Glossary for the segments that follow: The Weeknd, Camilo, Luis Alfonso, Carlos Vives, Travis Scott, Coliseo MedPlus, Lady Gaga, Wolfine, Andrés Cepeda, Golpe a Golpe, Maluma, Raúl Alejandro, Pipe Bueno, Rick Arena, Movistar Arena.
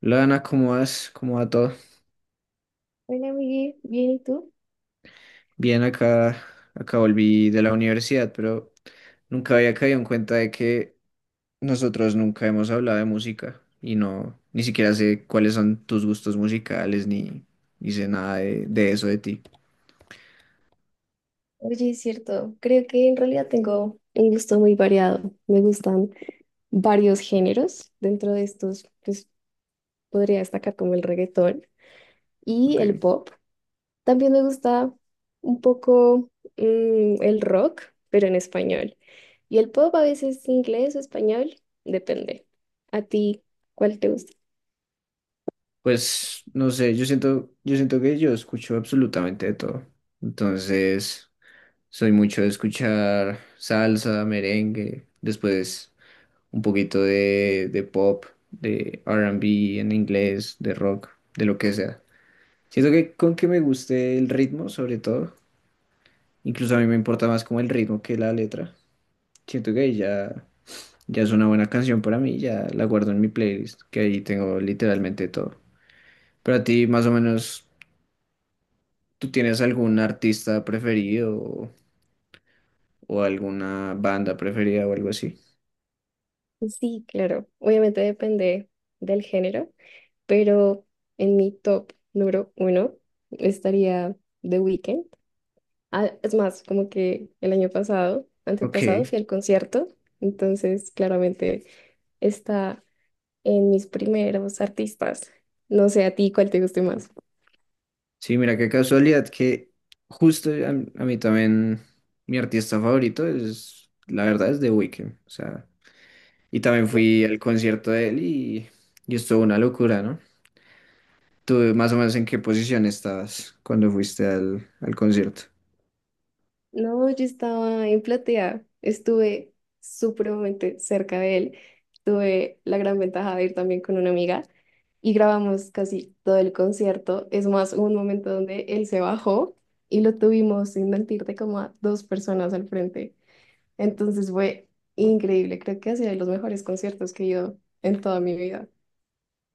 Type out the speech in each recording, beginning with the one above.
Lana, ¿cómo vas? ¿Cómo va todo? Hola, Miguel. Bien, ¿y tú? Bien, acá, acá volví de la universidad, pero nunca había caído en cuenta de que nosotros nunca hemos hablado de música y no, ni siquiera sé cuáles son tus gustos musicales ni, ni sé nada de eso de ti. Oye, es cierto. Creo que en realidad tengo un gusto muy variado. Me gustan varios géneros. Dentro de estos, pues podría destacar como el reggaetón y Ok. el pop. También me gusta un poco el rock, pero en español. Y el pop a veces inglés o español, depende. ¿A ti cuál te gusta? Pues no sé, yo siento que yo escucho absolutamente de todo. Entonces, soy mucho de escuchar salsa, merengue, después, un poquito de pop, de R&B en inglés, de rock, de lo que sea. Siento que con que me guste el ritmo, sobre todo, incluso a mí me importa más como el ritmo que la letra. Siento que ahí ya, ya es una buena canción para mí, ya la guardo en mi playlist, que ahí tengo literalmente todo. Pero a ti, más o menos, ¿tú tienes algún artista preferido o alguna banda preferida o algo así? Sí, claro. Obviamente depende del género, pero en mi top número uno estaría The Weeknd. Ah, es más, como que el año pasado, Ok. antepasado, fui al concierto, entonces claramente está en mis primeros artistas. No sé a ti cuál te guste más. Sí, mira qué casualidad que justo a, a mí también mi artista favorito es, la verdad, es The Weeknd. O sea, y también fui al concierto de y estuvo una locura, ¿no? ¿Tú más o menos en qué posición estabas cuando fuiste al concierto? No, yo estaba en Platea, estuve supremamente cerca de él. Tuve la gran ventaja de ir también con una amiga y grabamos casi todo el concierto. Es más, hubo un momento donde él se bajó y lo tuvimos, sin mentirte, como a dos personas al frente. Entonces fue increíble. Creo que ha sido de los mejores conciertos que he ido en toda mi vida.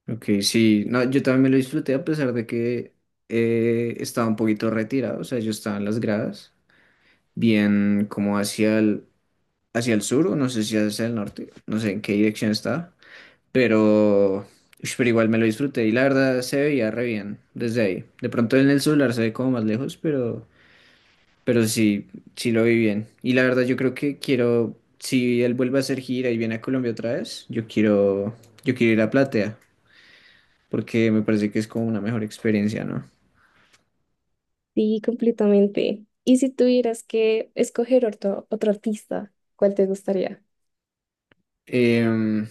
Ok, sí, no, yo también me lo disfruté a pesar de que estaba un poquito retirado, o sea, yo estaba en las gradas, bien como hacia hacia el sur, o no sé si hacia el norte, no sé en qué dirección estaba. Pero, ush, pero igual me lo disfruté y la verdad se veía re bien desde ahí. De pronto en el celular se ve como más lejos, pero sí, sí lo vi bien. Y la verdad yo creo que quiero, si él vuelve a hacer gira y viene a Colombia otra vez, yo quiero ir a Platea, porque me parece que es como una mejor experiencia, ¿no? Sí, completamente. ¿Y si tuvieras que escoger otro artista, cuál te gustaría? Em,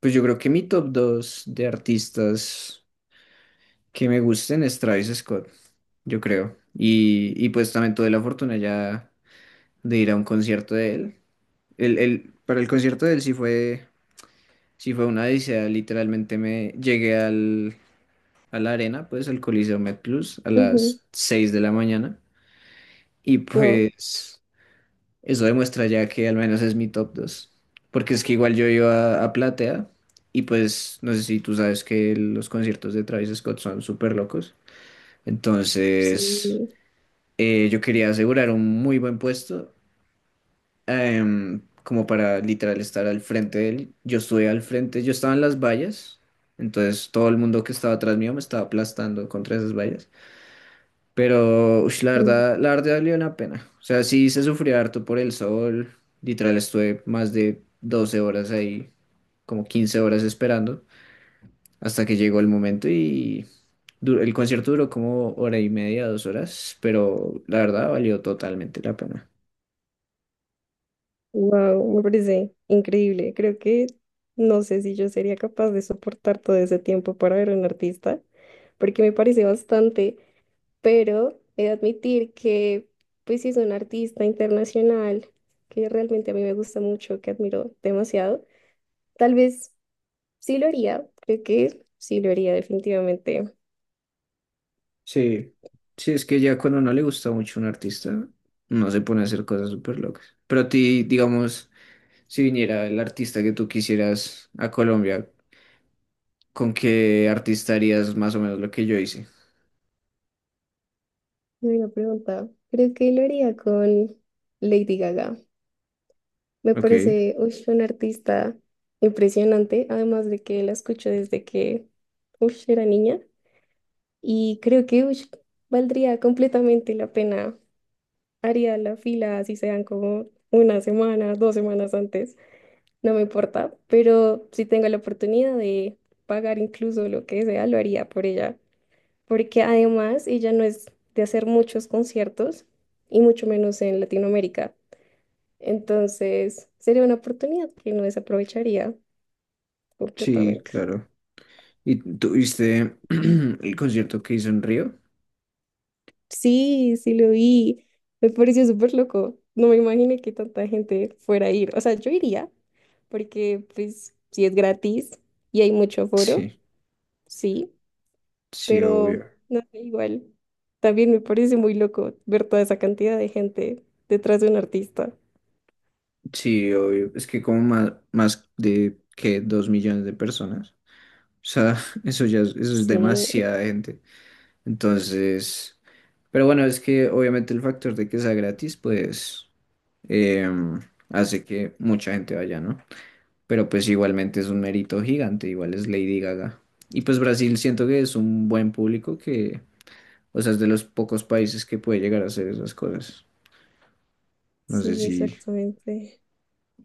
pues yo creo que mi top 2 de artistas que me gusten es Travis Scott, yo creo. Y pues también tuve la fortuna ya de ir a un concierto de él. Para el concierto de él sí fue una odisea. Literalmente a la arena, pues al Coliseo MedPlus a Ujú. las 6 de la mañana. Y Wow. pues eso demuestra ya que al menos es mi top dos. Porque es que igual yo iba a Platea y pues no sé si tú sabes que los conciertos de Travis Scott son súper locos. Entonces Sí. Yo quería asegurar un muy buen puesto, como para literal estar al frente de él. Yo estuve al frente, yo estaba en las vallas, entonces todo el mundo que estaba atrás mío me estaba aplastando contra esas vallas. Pero ush, la verdad valió la pena. O sea, sí se sufrió harto por el sol, literal estuve más de 12 horas ahí, como 15 horas esperando, hasta que llegó el momento y... El concierto duró como hora y media, dos horas, pero la verdad valió totalmente la pena. Wow, me parece increíble. Creo que no sé si yo sería capaz de soportar todo ese tiempo para ver a un artista, porque me parece bastante, pero he de admitir que, pues, si es un artista internacional que realmente a mí me gusta mucho, que admiro demasiado, tal vez sí lo haría. Creo que sí lo haría, definitivamente. Sí, sí, es que ya cuando no le gusta mucho un artista, no se pone a hacer cosas súper locas. Pero a ti, digamos, si viniera el artista que tú quisieras a Colombia, ¿con qué artista harías más o menos lo que yo hice? Una pregunta. Creo que lo haría con Lady Gaga. Me Ok, parece, uy, un artista impresionante, además de que la escucho desde que, uy, era niña y creo que, uy, valdría completamente la pena. Haría la fila, así sean como una semana, dos semanas antes, no me importa, pero si tengo la oportunidad de pagar incluso lo que sea, lo haría por ella, porque además ella no es de hacer muchos conciertos y mucho menos en Latinoamérica. Entonces, sería una oportunidad que no desaprovecharía sí, completamente. claro. ¿Y tuviste el concierto que hizo en Río? Sí, sí lo vi. Me pareció súper loco. No me imaginé que tanta gente fuera a ir. O sea, yo iría, porque pues si es gratis y hay mucho aforo, Sí, sí, sí, pero obvio. no sé, igual. También me parece muy loco ver toda esa cantidad de gente detrás de un artista. Sí, obvio. Es que como más de que dos millones de personas. O sea, eso es Sí, demasiada gente. Entonces, pero bueno, es que obviamente el factor de que sea gratis, pues eh, hace que mucha gente vaya, ¿no? Pero pues igualmente es un mérito gigante, igual es Lady Gaga. Y pues Brasil siento que es un buen público o sea, es de los pocos países que puede llegar a hacer esas cosas. No sé sí, si, exactamente.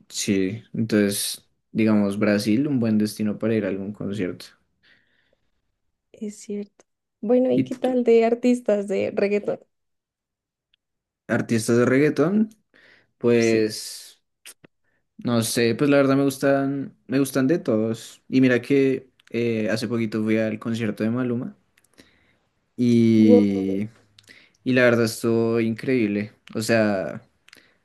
sí, entonces, digamos, Brasil, un buen destino para ir a algún concierto. Es cierto. Bueno, ¿y Y qué t- tal de artistas de reggaetón? Artistas de reggaetón, Sí. pues... No sé, pues la verdad me gustan de todos. Y mira que hace poquito fui al concierto de Maluma Wow. y, y la verdad estuvo increíble. O sea,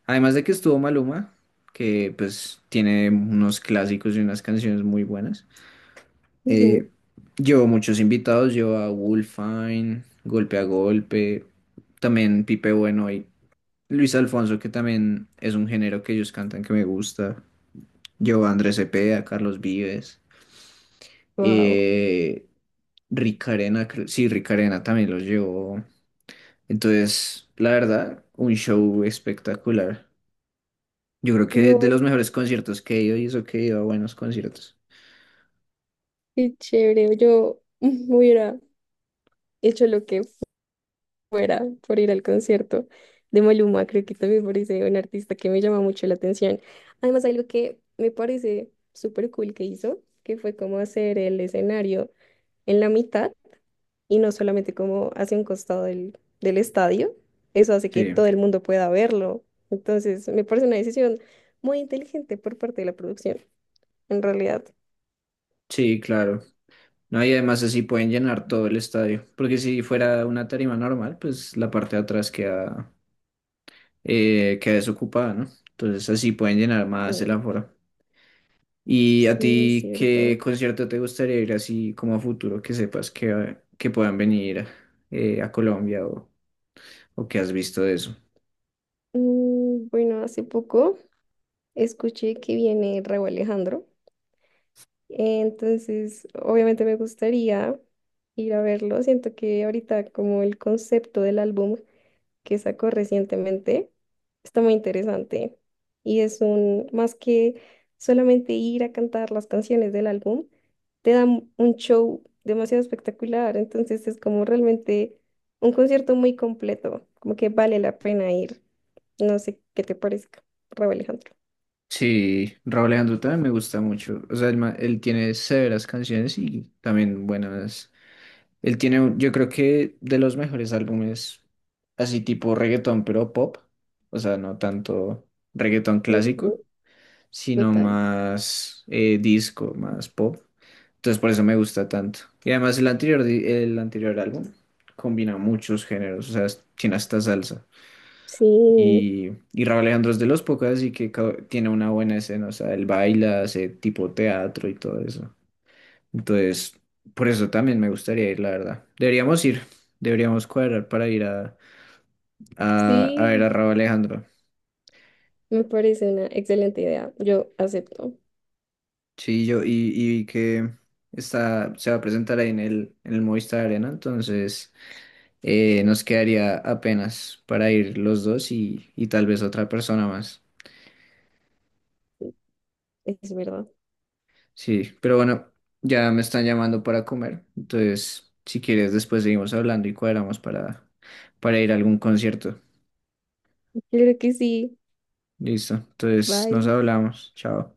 además de que estuvo Maluma, que pues tiene unos clásicos y unas canciones muy buenas, eh, llevó muchos invitados, llevó a Wolfine, Golpe a Golpe, también Pipe Bueno y Luis Alfonso, que también es un género que ellos cantan que me gusta. Llevó a Andrés Cepeda, a Carlos Vives. Eh, Rick Arena, sí, Rick Arena también los llevó. Entonces, la verdad, un show espectacular. Yo creo que de Wow, los mejores conciertos que he ido y eso que he ido a buenos conciertos. qué chévere. Yo hubiera hecho lo que fuera por ir al concierto de Maluma. Creo que también me parece un artista que me llama mucho la atención. Además, algo que me parece súper cool que hizo, que fue como hacer el escenario en la mitad y no solamente como hacia un costado del estadio. Eso hace que Sí, todo el mundo pueda verlo. Entonces, me parece una decisión muy inteligente por parte de la producción, en realidad. sí, claro. No, y además así pueden llenar todo el estadio, porque si fuera una tarima normal, pues la parte de atrás queda desocupada, ¿no? Entonces así pueden llenar más el Sí, aforo. ¿Y a sí, es ti qué cierto. concierto te gustaría ir así como a futuro que sepas que puedan venir a Colombia, o que has visto de eso? Mm, bueno, hace poco escuché que viene Raúl Alejandro, entonces obviamente me gustaría ir a verlo. Siento que ahorita como el concepto del álbum que sacó recientemente está muy interesante. Y es un, más que solamente ir a cantar las canciones del álbum, te dan un show demasiado espectacular. Entonces es como realmente un concierto muy completo, como que vale la pena ir. No sé qué te parezca Raúl Alejandro. Sí, Raúl Alejandro también me gusta mucho. O sea, él, él tiene severas canciones y también buenas. Yo creo que de los mejores álbumes, así tipo reggaetón, pero pop. O sea, no tanto reggaetón clásico, Ujú. sino Total. más disco, más pop. Entonces por eso me gusta tanto. Y además el anterior álbum combina muchos géneros, o sea, tiene hasta salsa. Sí, Y Raúl Alejandro es de los pocos, así que tiene una buena escena, o sea, él baila, hace tipo teatro y todo eso. Entonces, por eso también me gustaría ir, la verdad. Deberíamos cuadrar para ir a ver sí, a Raúl Alejandro. me parece una excelente idea. Yo acepto. Sí, y que se va a presentar ahí en en el Movistar Arena, entonces nos quedaría apenas para ir los dos y tal vez otra persona más. Es verdad. Sí, pero bueno, ya me están llamando para comer, entonces si quieres después seguimos hablando y cuadramos para ir a algún concierto. Creo que sí. Listo, entonces nos Bye. hablamos, chao.